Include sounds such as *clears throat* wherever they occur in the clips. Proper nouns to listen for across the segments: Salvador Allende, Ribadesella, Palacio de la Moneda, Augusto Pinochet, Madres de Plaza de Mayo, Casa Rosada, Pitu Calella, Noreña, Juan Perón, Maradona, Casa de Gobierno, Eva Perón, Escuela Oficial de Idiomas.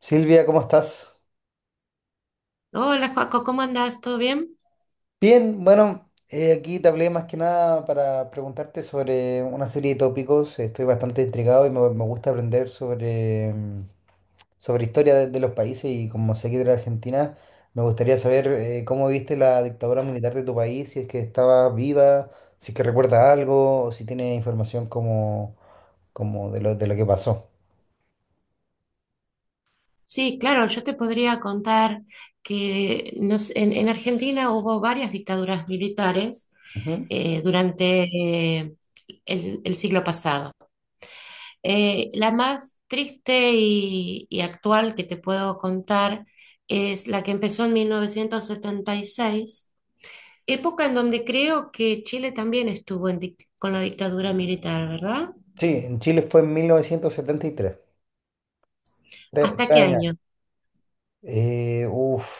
Silvia, ¿cómo estás? Hola, Joaco, ¿cómo andás? ¿Todo bien? Bien, bueno, aquí te hablé más que nada para preguntarte sobre una serie de tópicos. Estoy bastante intrigado y me gusta aprender sobre historia de los países y como sé que de la Argentina, me gustaría saber cómo viste la dictadura militar de tu país, si es que estaba viva, si es que recuerda algo o si tiene información como de lo que pasó. Sí, claro, yo te podría contar que en Argentina hubo varias dictaduras militares Ujú. Durante el siglo pasado. La más triste y actual que te puedo contar es la que empezó en 1976, época en donde creo que Chile también estuvo en con la dictadura militar, ¿verdad? Sí, en Chile fue en 1973, tres, tres ¿Hasta tres qué años. año? Uf.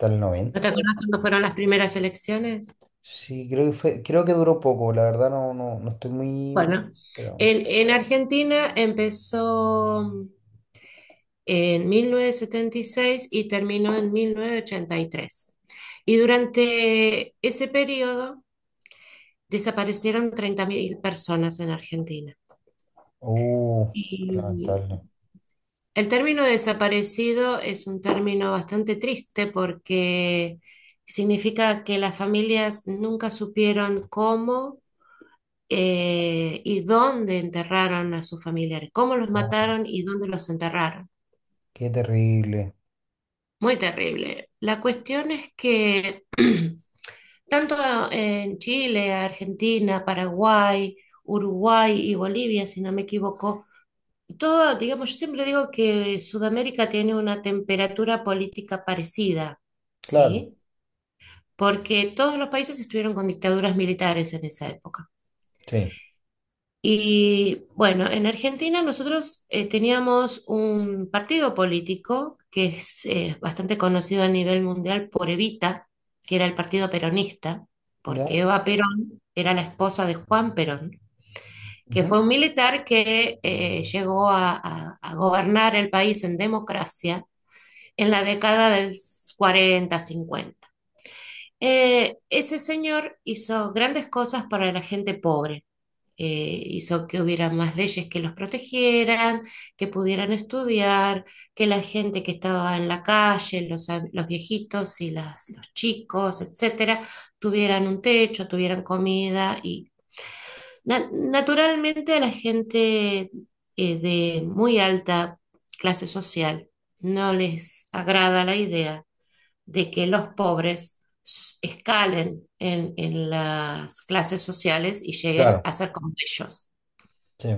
Hasta el ¿No 90, te pues. acuerdas cuándo fueron las primeras elecciones? Sí, creo que fue, creo que duró poco, la verdad, no estoy muy. Bueno, Pero vamos. en Argentina empezó en mil novecientos setenta y seis y terminó en mil novecientos ochenta y tres. Y durante ese periodo desaparecieron 30.000 personas en Argentina. Uh, Qué Y lamentable. el término desaparecido es un término bastante triste porque significa que las familias nunca supieron cómo y dónde enterraron a sus familiares, cómo los No, mataron y dónde los enterraron. qué terrible. Muy terrible. La cuestión es que *clears throat* tanto en Chile, Argentina, Paraguay, Uruguay y Bolivia, si no me equivoco, todo, digamos, yo siempre digo que Sudamérica tiene una temperatura política parecida, Claro, ¿sí? Porque todos los países estuvieron con dictaduras militares en esa época. sí, Y bueno, en Argentina nosotros teníamos un partido político que es bastante conocido a nivel mundial por Evita, que era el partido peronista, ya. porque Eva Perón era la esposa de Juan Perón, que Ujú, fue un militar que llegó a gobernar el país en democracia en la década del 40-50. Ese señor hizo grandes cosas para la gente pobre, hizo que hubiera más leyes que los protegieran, que pudieran estudiar, que la gente que estaba en la calle, los viejitos y los chicos, etcétera, tuvieran un techo, tuvieran comida y naturalmente a la gente de muy alta clase social no les agrada la idea de que los pobres escalen en las clases sociales y lleguen claro. a ser como ellos. Sí.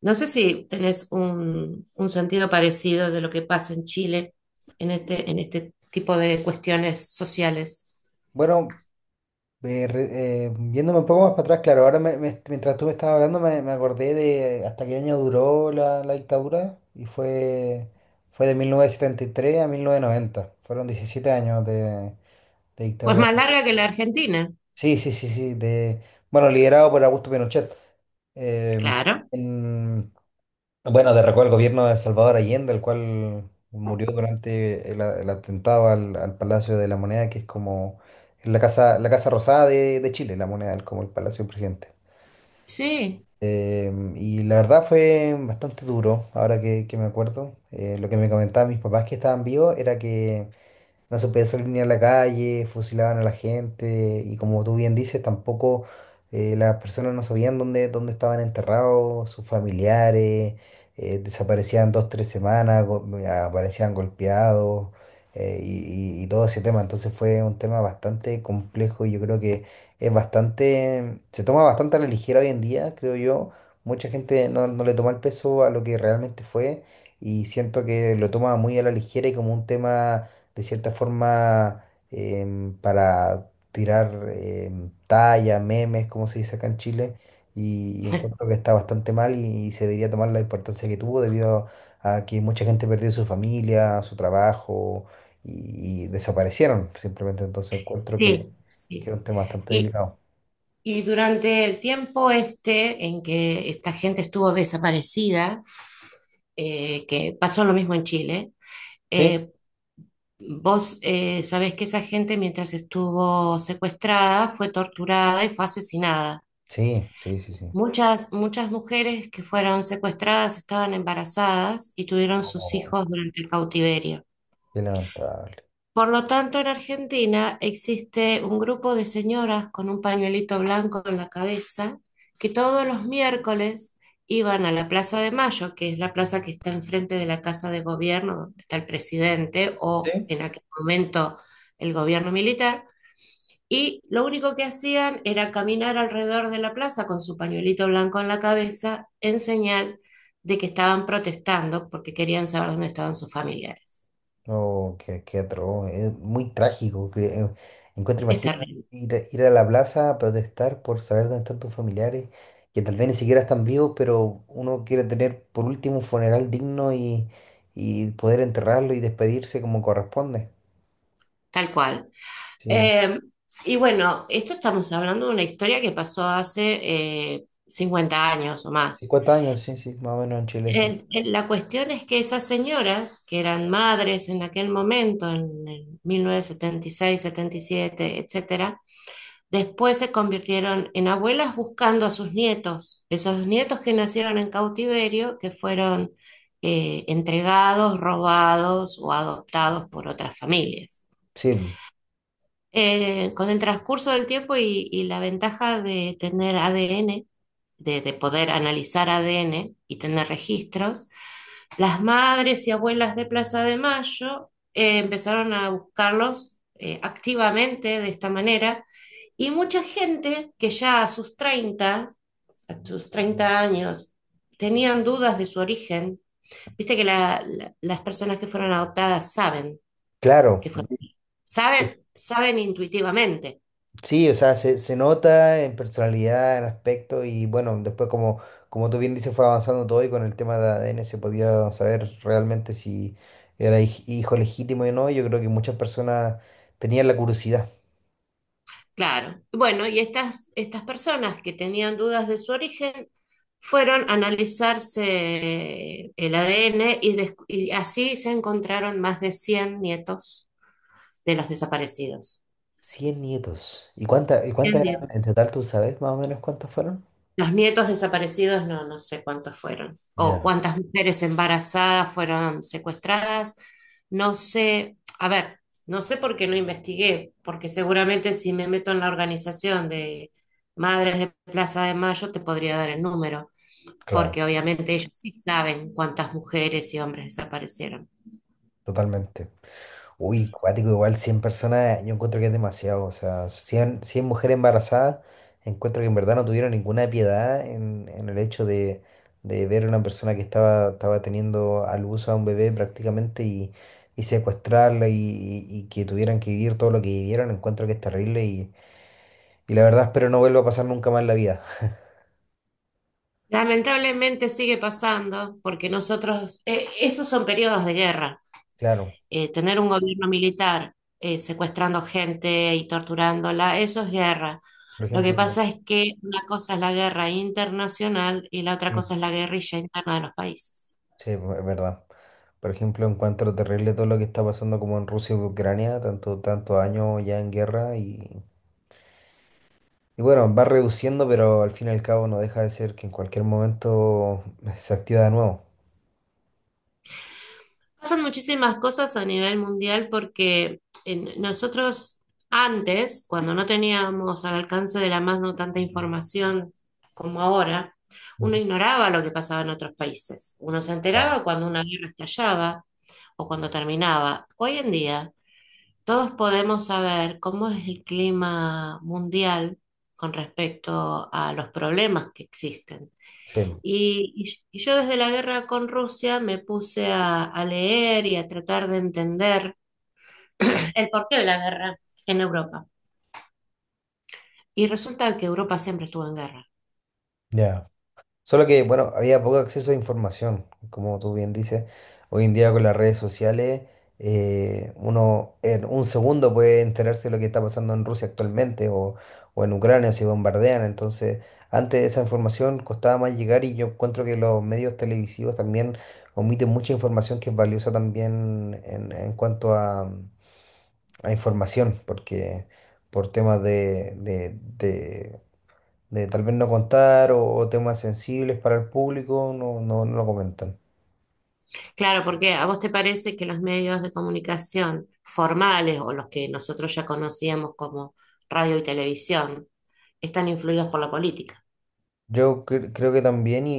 No sé si tenés un sentido parecido de lo que pasa en Chile en este tipo de cuestiones sociales. Bueno, yéndome un poco más para atrás, claro, ahora mientras tú me estabas hablando me acordé de hasta qué año duró la dictadura y fue de 1973 a 1990. Fueron 17 años de Pues dictadura. más larga que la Argentina, Sí, sí, sí, sí. De, bueno, liderado por Augusto Pinochet. eh, claro. en- bueno, derrocó al gobierno de Salvador Allende, el cual murió durante el atentado al Palacio de la Moneda, que es como es la Casa Rosada de Chile, la Moneda, como el Palacio del Presidente. Sí, Y la verdad fue bastante duro, ahora que me acuerdo. Lo que me comentaban mis papás que estaban vivos era que no se podía salir ni a la calle, fusilaban a la gente y, como tú bien dices, tampoco las personas no sabían dónde estaban enterrados sus familiares, desaparecían dos, tres semanas, aparecían golpeados y todo ese tema. Entonces fue un tema bastante complejo y yo creo que es bastante, se toma bastante a la ligera hoy en día, creo yo. Mucha gente no le toma el peso a lo que realmente fue y siento que lo toma muy a la ligera y como un tema de cierta forma, para tirar talla, memes, como se dice acá en Chile, y encuentro *laughs* que está bastante mal, y se debería tomar la importancia que tuvo, debido a que mucha gente perdió su familia, su trabajo, y desaparecieron simplemente. Entonces encuentro sí, que sí. es un tema bastante Y, delicado. y durante el tiempo este en que esta gente estuvo desaparecida, que pasó lo mismo en Chile, Sí, eh, vos sabés que esa gente mientras estuvo secuestrada fue torturada y fue asesinada. sí, sí, sí, sí. Muchas, muchas mujeres que fueron secuestradas estaban embarazadas y tuvieron sus Oh, hijos durante el cautiverio. qué lamentable. Por lo tanto, en Argentina existe un grupo de señoras con un pañuelito blanco en la cabeza que todos los miércoles iban a la Plaza de Mayo, que es la plaza que está enfrente de la Casa de Gobierno, donde está el presidente o Sí. en aquel momento el gobierno militar, y lo único que hacían era caminar alrededor de la plaza con su pañuelito blanco en la cabeza en señal de que estaban protestando porque querían saber dónde estaban sus familiares. Oh, qué atroz, es muy trágico. Que, encuentro, Es imagina terrible, a ir a la plaza a protestar por saber dónde están tus familiares, que tal vez ni siquiera están vivos, pero uno quiere tener por último un funeral digno, y poder enterrarlo y despedirse como corresponde. tal cual. Sí, Eh, y bueno, esto estamos hablando de una historia que pasó hace 50 años o más. 50 años, sí, sí, más o menos en Chile, sí. La cuestión es que esas señoras, que eran madres en aquel momento, en 1976, 77, etcétera, después se convirtieron en abuelas buscando a sus nietos, esos nietos que nacieron en cautiverio, que fueron entregados, robados o adoptados por otras familias. Sí, Con el transcurso del tiempo y la ventaja de tener ADN, de poder analizar ADN y tener registros, las madres y abuelas de Plaza de Mayo empezaron a buscarlos activamente de esta manera, y mucha gente que ya a sus 30 años, tenían dudas de su origen. Viste que las personas que fueron adoptadas saben claro. que fueron, saben, saben intuitivamente. Sí, o sea, se nota en personalidad, en aspecto y bueno, después como tú bien dices, fue avanzando todo y con el tema de ADN se podía saber realmente si era hijo legítimo o no. Yo creo que muchas personas tenían la curiosidad. Claro. Bueno, y estas, estas personas que tenían dudas de su origen fueron a analizarse el ADN y, y así se encontraron más de 100 nietos de los desaparecidos. 100 nietos. Y cuántas eran en total? ¿Tú sabes más o menos cuántas fueron? Los nietos desaparecidos, no, no sé cuántos fueron, o Ya, cuántas mujeres embarazadas fueron secuestradas, no sé, a ver, no sé por qué no investigué, porque seguramente si me meto en la organización de Madres de Plaza de Mayo te podría dar el número, claro. porque obviamente ellos sí saben cuántas mujeres y hombres desaparecieron. Totalmente. Uy, cuático, igual 100 personas, yo encuentro que es demasiado. O sea, cien mujeres embarazadas, encuentro que en verdad no tuvieron ninguna piedad en el hecho de ver a una persona que estaba teniendo al uso a un bebé prácticamente, y secuestrarla y que tuvieran que vivir todo lo que vivieron. Encuentro que es terrible, y la verdad espero no vuelva a pasar nunca más en la vida. Lamentablemente sigue pasando, porque nosotros, esos son periodos de guerra. Claro, Tener un gobierno militar secuestrando gente y torturándola, eso es guerra. por Lo que ejemplo, pasa es que una cosa es la guerra internacional y la otra sí. cosa es la guerrilla interna de los países. Sí, pues, es verdad. Por ejemplo, encuentro terrible todo lo que está pasando como en Rusia y Ucrania, tantos años ya en guerra, y bueno, va reduciendo, pero al fin y al cabo no deja de ser que en cualquier momento *laughs* se activa de nuevo. Pasan muchísimas cosas a nivel mundial porque nosotros antes, cuando no teníamos al alcance de la mano tanta información como ahora, uno Ujú. ignoraba lo que pasaba en otros países. Uno se Claro. enteraba cuando una guerra estallaba o cuando terminaba. Hoy en día todos podemos saber cómo es el clima mundial con respecto a los problemas que existen. Sí, Y, y yo desde la guerra con Rusia me puse a leer y a tratar de entender *clears throat* el porqué de la guerra en Europa. Y resulta que Europa siempre estuvo en guerra. ya. Solo que, bueno, había poco acceso a información, como tú bien dices. Hoy en día, con las redes sociales, uno en un segundo puede enterarse de lo que está pasando en Rusia actualmente, o en Ucrania si bombardean. Entonces, antes esa información costaba más llegar, y yo encuentro que los medios televisivos también omiten mucha información que es valiosa también, en cuanto a información, porque por temas de tal vez no contar, o temas sensibles para el público, no, no, no lo comentan. Claro, porque a vos te parece que los medios de comunicación formales o los que nosotros ya conocíamos como radio y televisión están influidos por la política. Yo creo que también, y,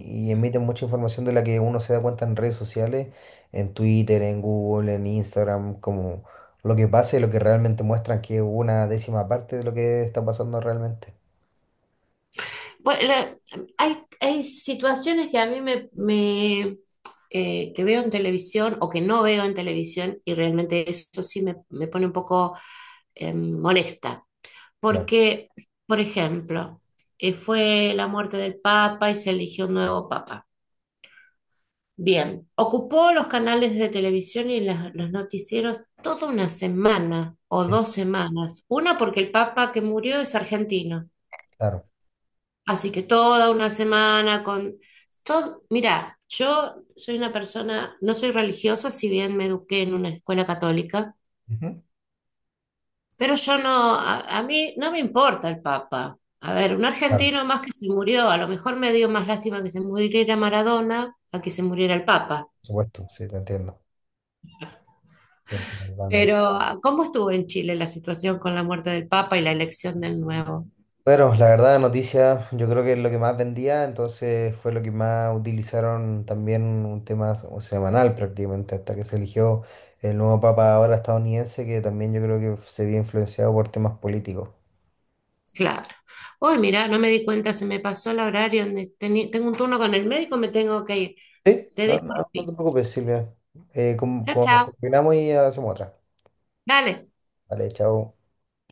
y- y emiten mucha información de la que uno se da cuenta en redes sociales, en Twitter, en Google, en Instagram, como lo que pasa y lo que realmente muestran, que es una décima parte de lo que está pasando realmente. Bueno, la- Hay, hay situaciones que a mí que veo en televisión o que no veo en televisión y realmente eso sí me pone un poco molesta. Claro, Porque, por ejemplo, fue la muerte del Papa y se eligió un nuevo Papa. Bien, ocupó los canales de televisión y los noticieros toda una semana o sí, dos semanas. Una porque el Papa que murió es argentino. claro. Así que toda una semana con todo, mira, yo soy una persona, no soy religiosa, si bien me eduqué en una escuela católica, Ujú. pero yo no, a mí no me importa el Papa. A ver, un Claro, argentino por más que se murió, a lo mejor me dio más lástima que se muriera Maradona a que se muriera el Papa. supuesto, sí, te entiendo. Bien. Pero ¿cómo estuvo en Chile la situación con la muerte del Papa y la elección del nuevo? Bueno, la verdad, noticia, yo creo que es lo que más vendía, entonces fue lo que más utilizaron también, un tema semanal prácticamente, hasta que se eligió el nuevo papa, ahora estadounidense, que también yo creo que se vio influenciado por temas políticos. Claro. Uy, mira, no me di cuenta, se me pasó el horario. Tengo un turno con el médico, me tengo que ir. Te No, dejo. no, no te preocupes, Silvia. Chao, chao. Combinamos y hacemos otra. Dale. Vale, chao.